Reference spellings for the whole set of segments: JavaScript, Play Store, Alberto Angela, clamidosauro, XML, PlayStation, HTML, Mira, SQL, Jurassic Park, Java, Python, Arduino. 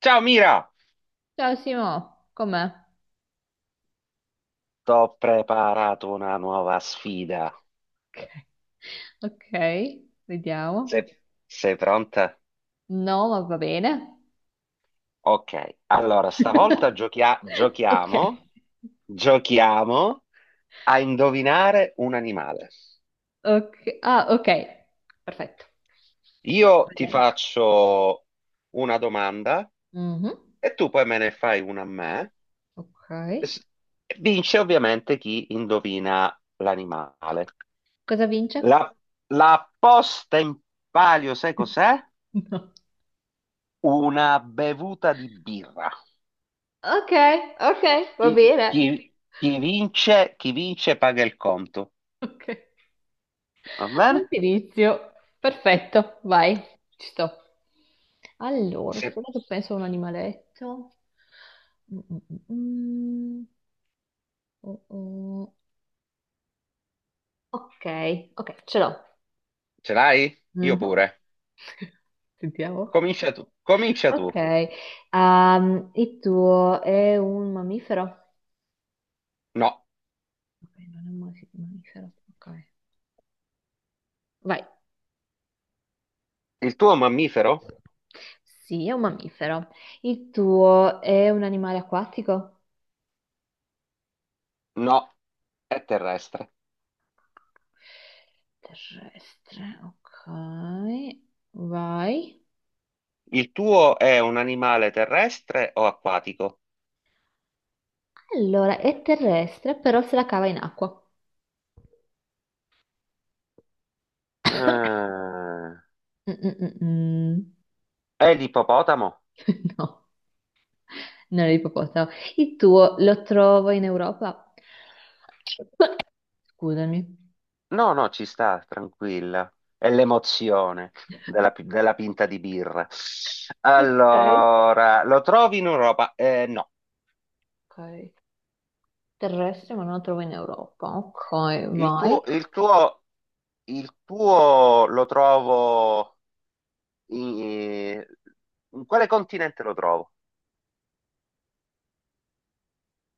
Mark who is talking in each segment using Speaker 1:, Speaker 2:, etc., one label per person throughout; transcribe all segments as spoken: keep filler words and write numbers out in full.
Speaker 1: Ciao Mira.
Speaker 2: Ciao Simo, com'è?
Speaker 1: T'ho preparato una nuova sfida.
Speaker 2: Ok. Ok, vediamo.
Speaker 1: Se- Sei pronta?
Speaker 2: No, ma va bene.
Speaker 1: Ok, allora stavolta
Speaker 2: No.
Speaker 1: giochia-
Speaker 2: Ok,
Speaker 1: giochiamo, giochiamo a indovinare un animale.
Speaker 2: ok. Ah, ok, perfetto. Ho
Speaker 1: Io ti
Speaker 2: presente.
Speaker 1: faccio una domanda
Speaker 2: Mhm.
Speaker 1: e tu poi me ne fai una a me.
Speaker 2: Ok.
Speaker 1: S- Vince ovviamente chi indovina l'animale.
Speaker 2: Cosa vince?
Speaker 1: La, la posta in palio, sai cos'è?
Speaker 2: No.
Speaker 1: Una bevuta di birra.
Speaker 2: Ok, ok, va
Speaker 1: Chi,
Speaker 2: bene.
Speaker 1: chi- chi vince, chi vince paga il conto.
Speaker 2: Ok.
Speaker 1: Va
Speaker 2: Non
Speaker 1: bene?
Speaker 2: ti inizio. Perfetto, vai, ci sto. Allora,
Speaker 1: Se
Speaker 2: aspettate, penso a un animaletto. Mm, mm, mm, mm. Oh, oh. Ok, ok, ce l'ho.
Speaker 1: Ce l'hai? Io
Speaker 2: Mhm.
Speaker 1: pure.
Speaker 2: Sentiamo.
Speaker 1: Comincia tu. Comincia
Speaker 2: Ok,
Speaker 1: tu.
Speaker 2: ehm, il tuo è un mammifero?
Speaker 1: No.
Speaker 2: Ok, non è un mas- mammifero. Ok, vai.
Speaker 1: Il tuo è un mammifero?
Speaker 2: Sì, è un mammifero. Il tuo è un animale acquatico?
Speaker 1: No. È terrestre.
Speaker 2: Terrestre, ok, vai.
Speaker 1: Il tuo è un animale terrestre o acquatico?
Speaker 2: Allora, è terrestre, però se la cava in acqua.
Speaker 1: Ah.
Speaker 2: Mm, mm, mm, mm.
Speaker 1: È l'ippopotamo?
Speaker 2: No, non è ippopotamo. Il tuo lo trovo in Europa? Scusami.
Speaker 1: No, no, ci sta, tranquilla. È l'emozione della, pi- della pinta di birra.
Speaker 2: Ok.
Speaker 1: Allora, lo trovi in Europa? Eh, no.
Speaker 2: Ok. Terrestri, ma non la trovo in Europa. Ok,
Speaker 1: Il
Speaker 2: vai.
Speaker 1: tuo, il tuo, il tuo lo trovo in, in quale continente lo trovo?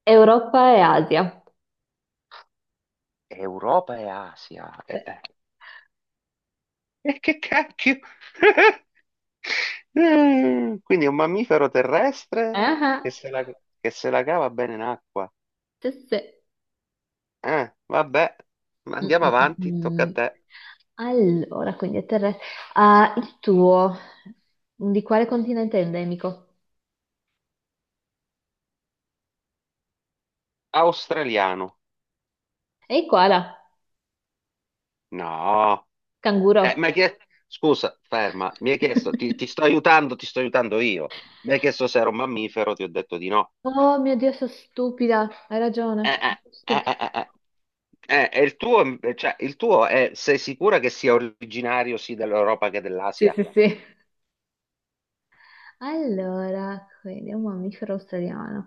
Speaker 2: Europa e Asia.
Speaker 1: Europa e Asia. E
Speaker 2: Sì.
Speaker 1: che cacchio? Mm, Quindi è un mammifero terrestre
Speaker 2: Ah,
Speaker 1: che se la, che se la cava bene in acqua.
Speaker 2: sì, sì.
Speaker 1: Eh, vabbè, ma
Speaker 2: Mm,
Speaker 1: andiamo
Speaker 2: mm,
Speaker 1: avanti,
Speaker 2: mm.
Speaker 1: tocca a
Speaker 2: Mm.
Speaker 1: te.
Speaker 2: Allora, quindi è terrestre. Ah, il tuo. Di quale continente è endemico?
Speaker 1: Australiano.
Speaker 2: Ehi, koala.
Speaker 1: No.
Speaker 2: Canguro.
Speaker 1: Eh, mi hai chiesto... Scusa, ferma, mi hai chiesto, ti, ti sto aiutando, ti sto aiutando io. Mi hai chiesto se era un mammifero, ti ho detto di no.
Speaker 2: Oh mio Dio, sono stupida. Hai
Speaker 1: Eh,
Speaker 2: ragione.
Speaker 1: eh, eh,
Speaker 2: Stupida.
Speaker 1: eh, eh, eh. Eh, e il tuo, eh, cioè, il tuo è, sei sicura che sia originario sì dell'Europa che
Speaker 2: Sì,
Speaker 1: dell'Asia?
Speaker 2: sì, sì. Allora, quindi è un mammifero australiano.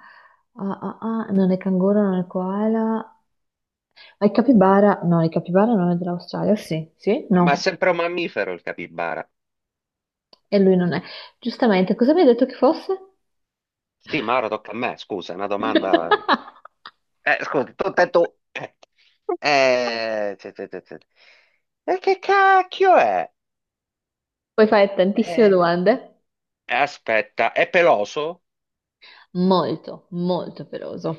Speaker 2: Ah, ah, ah, non è canguro, non è koala. I capibara, no, i capibara non è dell'Australia, sì, sì,
Speaker 1: Ma è
Speaker 2: no,
Speaker 1: sempre un mammifero il capibara.
Speaker 2: e lui non è. Giustamente, cosa mi hai detto che fosse?
Speaker 1: Sì, ma ora tocca a me, scusa, è una domanda...
Speaker 2: Mannaggia.
Speaker 1: Eh, scusa, tu, te, tu... Eh, eh, te- te- te- te. E che cacchio è?
Speaker 2: Puoi fare tantissime
Speaker 1: Eh,
Speaker 2: domande.
Speaker 1: Aspetta, è peloso?
Speaker 2: Molto, molto peloso.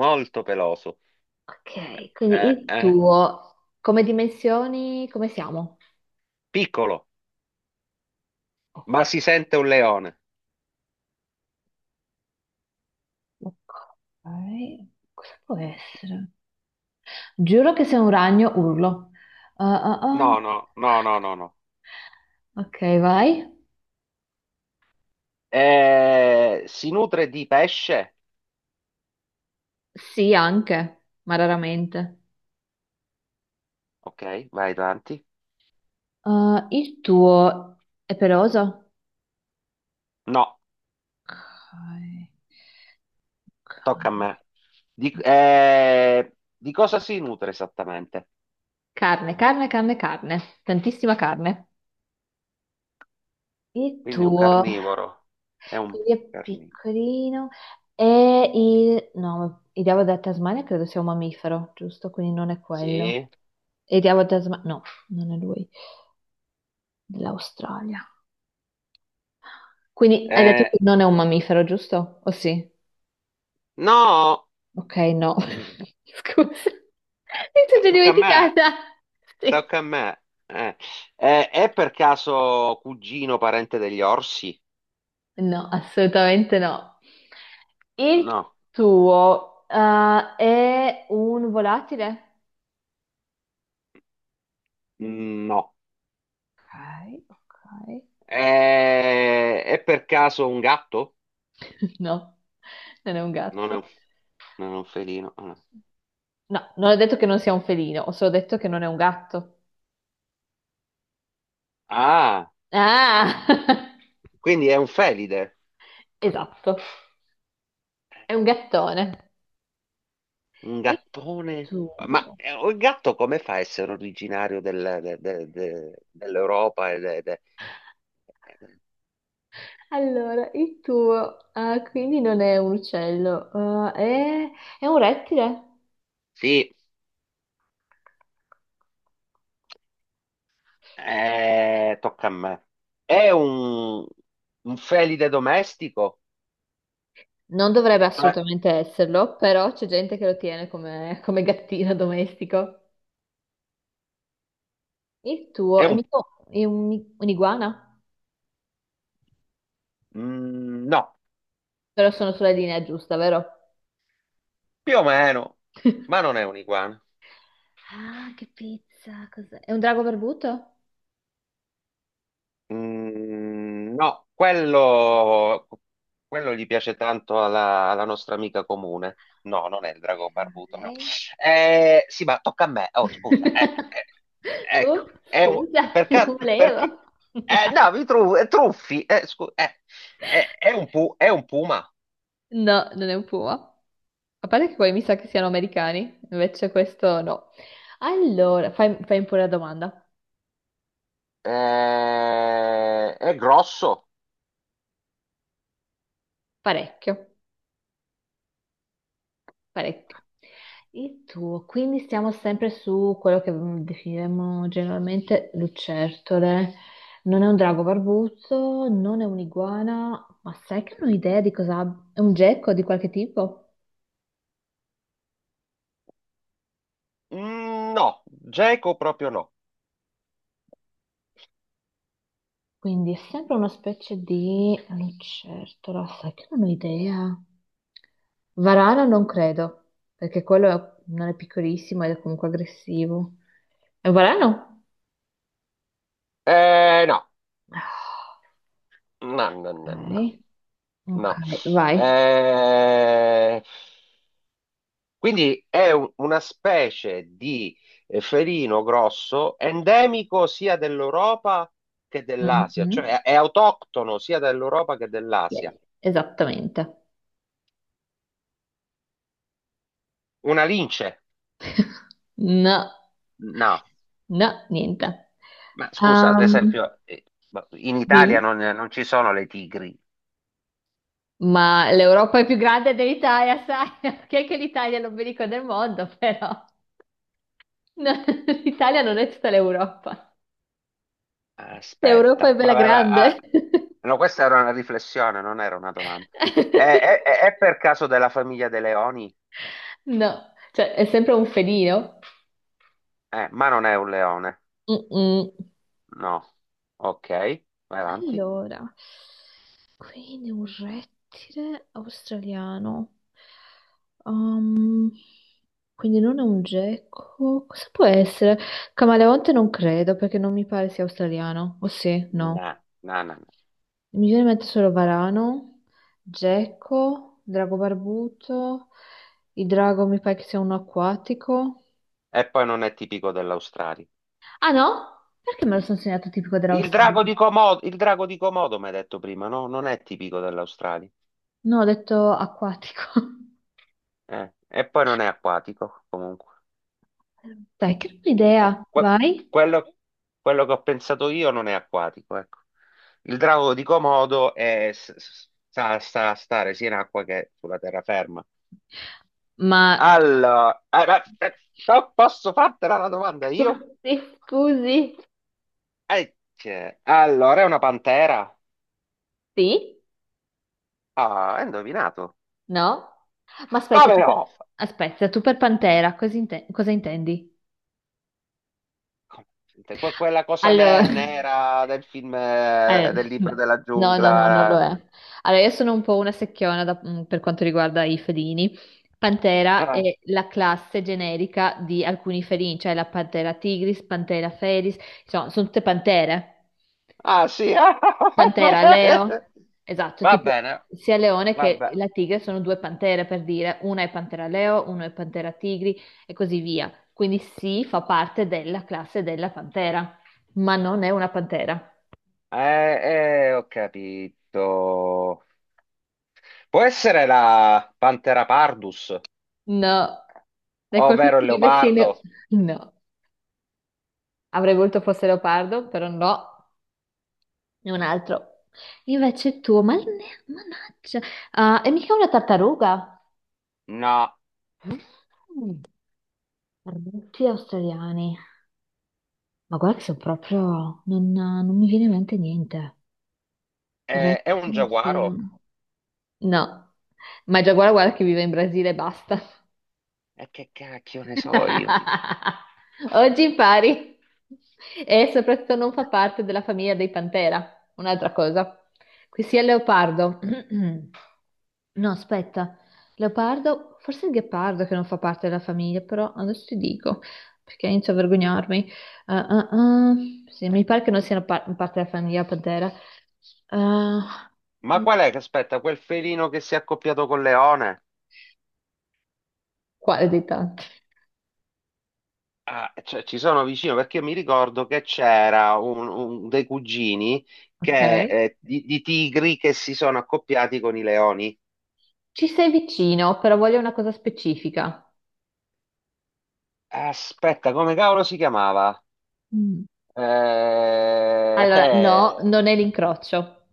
Speaker 1: Molto peloso.
Speaker 2: Ok, quindi
Speaker 1: Eh,
Speaker 2: il
Speaker 1: eh.
Speaker 2: tuo, come dimensioni, come siamo?
Speaker 1: Piccolo,
Speaker 2: Ok,
Speaker 1: ma si sente un leone.
Speaker 2: ok, cosa può essere? Giuro che se un ragno urlo. Ah, ah,
Speaker 1: No,
Speaker 2: ah.
Speaker 1: no, no, no, no, no.
Speaker 2: Ok, vai.
Speaker 1: Eh, si nutre di pesce?
Speaker 2: Sì, anche, ma raramente.
Speaker 1: Ok, vai avanti.
Speaker 2: Uh, il tuo è peloso?
Speaker 1: No,
Speaker 2: Ok.
Speaker 1: tocca a me. Di, eh, di cosa si nutre esattamente?
Speaker 2: Carne, carne, carne, carne, tantissima carne. Il
Speaker 1: Quindi è un
Speaker 2: tuo,
Speaker 1: carnivoro. È un
Speaker 2: quindi è
Speaker 1: carnivoro.
Speaker 2: piccolino. E il... No, il diavolo della Tasmania credo sia un mammifero, giusto? Quindi non è quello.
Speaker 1: Sì.
Speaker 2: E il diavolo della Tasmania... No, non è lui, dell'Australia. Quindi hai detto
Speaker 1: Eh,
Speaker 2: che non è un mammifero, giusto? O sì?
Speaker 1: no,
Speaker 2: Ok, no. Scusa. Mi sono già
Speaker 1: tocca a me.
Speaker 2: dimenticata. Sì.
Speaker 1: Tocca a me. Eh, eh, è per caso cugino parente degli orsi?
Speaker 2: No, assolutamente no. Il
Speaker 1: No.
Speaker 2: tuo, eh, è un volatile?
Speaker 1: Mm, no.
Speaker 2: Ok, ok.
Speaker 1: Eh, è per caso un gatto?
Speaker 2: No, non è un
Speaker 1: Non è un,
Speaker 2: gatto.
Speaker 1: non è un felino. Ah, no.
Speaker 2: No, non ho detto che non sia un felino, ho solo detto che non è un gatto.
Speaker 1: Ah,
Speaker 2: Ah,
Speaker 1: quindi è un felide.
Speaker 2: esatto, è un gattone.
Speaker 1: Un
Speaker 2: Il
Speaker 1: gattone?
Speaker 2: tuo.
Speaker 1: Ma eh, il gatto come fa a essere originario del- de- de- de- dell'Europa? e de- de-
Speaker 2: Allora, il tuo, ah, quindi non è un uccello, ah, è, è un rettile?
Speaker 1: Sì, eh, tocca a me. È un, un felide domestico?
Speaker 2: Non dovrebbe
Speaker 1: Cioè,
Speaker 2: assolutamente esserlo, però c'è gente che lo tiene come, come gattino domestico. Il tuo
Speaker 1: è
Speaker 2: è,
Speaker 1: un...
Speaker 2: mica- è un- un'iguana?
Speaker 1: mm, no,
Speaker 2: Però sono sulla linea giusta, vero?
Speaker 1: più o meno, ma non è un iguana.
Speaker 2: Ah, che pizza, cos'è? È un drago barbuto?
Speaker 1: Mm, no, quello, quello gli piace tanto alla, alla nostra amica comune. No, non è il drago barbuto, no.
Speaker 2: Ok.
Speaker 1: Eh, sì, ma tocca a me. Oh, scusa. Eh, eh, ecco,
Speaker 2: Oh,
Speaker 1: è un-
Speaker 2: scusa, non
Speaker 1: perché, perché...
Speaker 2: volevo.
Speaker 1: Eh, no, mi tru- eh, truffi. Eh, scu- eh, eh, è un pu- è un puma.
Speaker 2: No, non è un puma. A parte che quelli mi sa che siano americani, invece questo no. Allora, fai, fai pure la domanda.
Speaker 1: Eh, è grosso.
Speaker 2: Parecchio. Parecchio. E tu, quindi stiamo sempre su quello che mm, definiremmo generalmente lucertole. Non è un drago barbuzzo, non è un'iguana, ma sai che non ho idea di cosa abbia. È un gecko di qualche tipo?
Speaker 1: Mm, no, geco proprio no.
Speaker 2: Quindi è sempre una specie di lucertola, sai che non ho idea. Varano non credo, perché quello è- non è piccolissimo ed è comunque aggressivo. È un varano?
Speaker 1: Eh, no,
Speaker 2: Ah,
Speaker 1: no, no, no. No.
Speaker 2: ok, ok,
Speaker 1: No.
Speaker 2: vai.
Speaker 1: Eh, quindi è un- una specie di eh, felino grosso endemico sia dell'Europa che dell'Asia,
Speaker 2: Mhm.
Speaker 1: cioè è, è autoctono sia dell'Europa che dell'Asia.
Speaker 2: Sì, esattamente.
Speaker 1: Una lince?
Speaker 2: No,
Speaker 1: No.
Speaker 2: no, niente.
Speaker 1: Ma scusa, ad
Speaker 2: Ehm,
Speaker 1: esempio, eh, ma in
Speaker 2: Dimmi.
Speaker 1: Italia non, non ci sono le tigri.
Speaker 2: Ma l'Europa è più grande dell'Italia, sai? Che è che l'Italia è l'ombelico del mondo, però. No, l'Italia non è tutta l'Europa. L'Europa è
Speaker 1: Aspetta,
Speaker 2: bella
Speaker 1: vabbè, va- ah,
Speaker 2: grande.
Speaker 1: no, questa era una riflessione, non era una domanda. È, è- è- è per caso della famiglia dei leoni?
Speaker 2: No, cioè è sempre un felino.
Speaker 1: Eh, ma non è un leone.
Speaker 2: Mm-mm.
Speaker 1: No. Ok, vai avanti.
Speaker 2: Allora, quindi un rettile australiano. Um, quindi non è un gecko. Cosa può essere? Camaleonte non credo perché non mi pare sia australiano. O sì,
Speaker 1: No,
Speaker 2: no.
Speaker 1: no, no, no.
Speaker 2: Mi viene in mente solo varano, gecko, drago barbuto. Il drago mi pare che sia uno acquatico.
Speaker 1: E poi non è tipico dell'Australia.
Speaker 2: Ah no? Perché me lo sono segnato tipico
Speaker 1: Il
Speaker 2: dell'Australia?
Speaker 1: drago di Comodo, il drago di Comodo, mi hai detto prima, no? Non è tipico dell'Australia.
Speaker 2: No, ho detto acquatico.
Speaker 1: Eh, E poi non è acquatico, comunque.
Speaker 2: Dai, che bella
Speaker 1: Cu-
Speaker 2: idea,
Speaker 1: que-
Speaker 2: vai.
Speaker 1: quello, quello che ho pensato io non è acquatico, ecco. Il drago di Comodo è, s- s- sa, sa stare sia in acqua che sulla terraferma.
Speaker 2: Ma
Speaker 1: Allora, eh, ma- eh, no, posso fartela la domanda io?
Speaker 2: sì, scusi,
Speaker 1: Ecce. Allora, è una pantera.
Speaker 2: sì?
Speaker 1: Ah, hai indovinato.
Speaker 2: No? Ma aspetta,
Speaker 1: Come
Speaker 2: tu per,
Speaker 1: no?
Speaker 2: aspetta, tu per Pantera, cosa, inte- cosa intendi?
Speaker 1: Sente, que- Quella cosa
Speaker 2: Allora,
Speaker 1: ne- nera del film,
Speaker 2: allora,
Speaker 1: eh, del libro della
Speaker 2: no, no, no, non lo
Speaker 1: giungla.
Speaker 2: è. Allora, io sono un po' una secchiona da- mm, per quanto riguarda i felini. Pantera
Speaker 1: Ah,
Speaker 2: è la classe generica di alcuni felini, cioè la Pantera tigris, Pantera felis, insomma, sono tutte pantere.
Speaker 1: ah, sì. ah,
Speaker 2: Pantera, Leo, esatto,
Speaker 1: Va
Speaker 2: tipo
Speaker 1: bene,
Speaker 2: sia leone
Speaker 1: va
Speaker 2: che
Speaker 1: bene.
Speaker 2: la tigre sono due pantere per dire, una è pantera Leo, uno è pantera tigri e così via. Quindi sì, fa parte della classe della pantera, ma non è una pantera.
Speaker 1: Eh, eh, ho capito. Può essere la Pantera pardus,
Speaker 2: No, è qualcosa
Speaker 1: ovvero il
Speaker 2: che mi vecino.
Speaker 1: leopardo?
Speaker 2: No, avrei voluto fosse leopardo, però no, è un altro. Invece tu, ma ne- mannaggia, ah, è mica una tartaruga?
Speaker 1: No,
Speaker 2: Arbusti australiani. Ma guarda che sono proprio... Non, non mi viene in mente niente.
Speaker 1: è, è un
Speaker 2: Rettile,
Speaker 1: giaguaro.
Speaker 2: oceano. No. Ma già guarda, guarda che vive in Brasile e basta.
Speaker 1: E che cacchio ne so io?
Speaker 2: Oggi impari e soprattutto non fa parte della famiglia dei Pantera, un'altra cosa. Qui sia il leopardo. No, aspetta, leopardo, forse il ghepardo che non fa parte della famiglia, però adesso ti dico perché inizio a vergognarmi. Ah, ah, ah. Sì, mi pare che non siano par- parte della famiglia Pantera. Ah,
Speaker 1: Ma qual è che aspetta? Quel felino che si è accoppiato col leone?
Speaker 2: quale dei tanti?
Speaker 1: Ah, cioè, ci sono vicino perché io mi ricordo che c'era un, un- dei cugini
Speaker 2: Ok.
Speaker 1: che, eh, di, di tigri che si sono accoppiati con i leoni.
Speaker 2: Ci sei vicino, però voglio una cosa specifica.
Speaker 1: Aspetta, come cavolo si chiamava?
Speaker 2: Mm.
Speaker 1: Eh,
Speaker 2: Allora, no,
Speaker 1: eh,
Speaker 2: non è l'incrocio,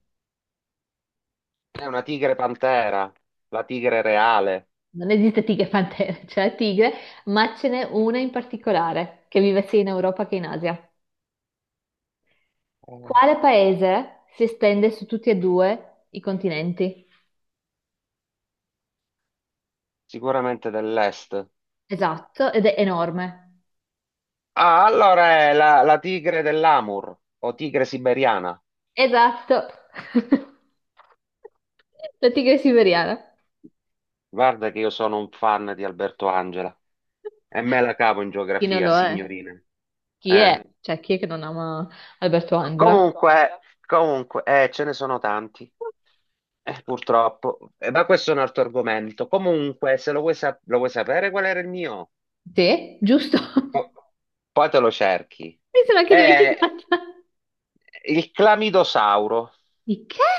Speaker 1: è una tigre pantera, la tigre reale.
Speaker 2: non esiste tigre e pantera, c'è la tigre, ma ce n'è una in particolare che vive sia in Europa che in Asia.
Speaker 1: Oh.
Speaker 2: Quale paese si estende su tutti e due i continenti?
Speaker 1: Sicuramente dell'est.
Speaker 2: Esatto, ed è enorme.
Speaker 1: Ah, allora è la, la tigre dell'Amur o tigre siberiana.
Speaker 2: Esatto. La tigre siberiana.
Speaker 1: Guarda che io sono un fan di Alberto Angela e me la cavo in
Speaker 2: Chi non
Speaker 1: geografia,
Speaker 2: lo è?
Speaker 1: signorina.
Speaker 2: Chi
Speaker 1: Eh,
Speaker 2: è? Cioè, chi è che non ama Alberto
Speaker 1: co-
Speaker 2: Angela?
Speaker 1: Comunque, comunque, eh, ce ne sono tanti, eh, purtroppo. Eh, ma questo è un altro argomento. Comunque, se lo vuoi, sa- lo vuoi sapere qual era il mio.
Speaker 2: Te? Giusto.
Speaker 1: Po- Poi te lo cerchi.
Speaker 2: Mi sono anche
Speaker 1: Eh,
Speaker 2: dimenticata.
Speaker 1: il clamidosauro.
Speaker 2: Di che?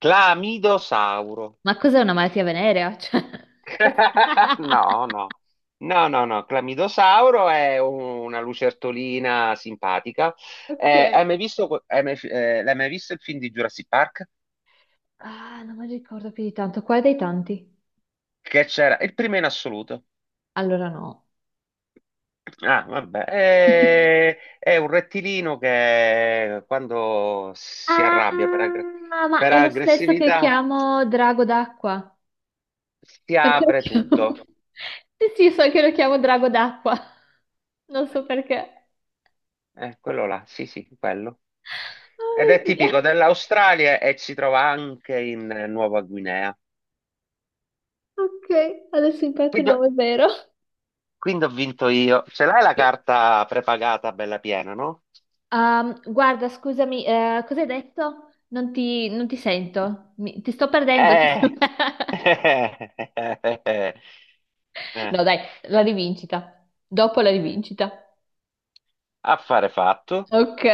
Speaker 1: Clamidosauro.
Speaker 2: Ma cos'è una malattia venerea? Cioè, cos'è?
Speaker 1: No, no, no, no, no. Clamidosauro è un- una lucertolina simpatica. Eh, hai
Speaker 2: Ok.
Speaker 1: mai visto, que- hai mai- eh, l'hai mai visto il film di Jurassic Park?
Speaker 2: Ah, non mi ricordo più di tanto. Quale dei tanti?
Speaker 1: Che c'era, il primo in assoluto.
Speaker 2: Allora no.
Speaker 1: Ah, vabbè, è, è un rettilino che quando si arrabbia per, aggre-
Speaker 2: Ah, ma
Speaker 1: per
Speaker 2: è lo stesso che
Speaker 1: aggressività
Speaker 2: chiamo drago d'acqua.
Speaker 1: si
Speaker 2: Perché lo
Speaker 1: apre
Speaker 2: chiamo?
Speaker 1: tutto.
Speaker 2: Sì, sì, so che lo chiamo drago d'acqua. Non so perché.
Speaker 1: Eh, quello là, sì, sì, quello. Ed è
Speaker 2: Oh mio Dio.
Speaker 1: tipico dell'Australia e si trova anche in eh, Nuova Guinea.
Speaker 2: Ok, adesso imparato il nome vero.
Speaker 1: Quindi ho vinto io. Ce l'hai la
Speaker 2: Sì.
Speaker 1: carta prepagata bella piena, no?
Speaker 2: Um, guarda, scusami, eh, cosa hai detto? Non ti, non ti sento. Mi- ti sto perdendo. ti sto-
Speaker 1: Eh. Eh.
Speaker 2: No, dai, la rivincita. Dopo la rivincita.
Speaker 1: Affare fatto.
Speaker 2: Ok.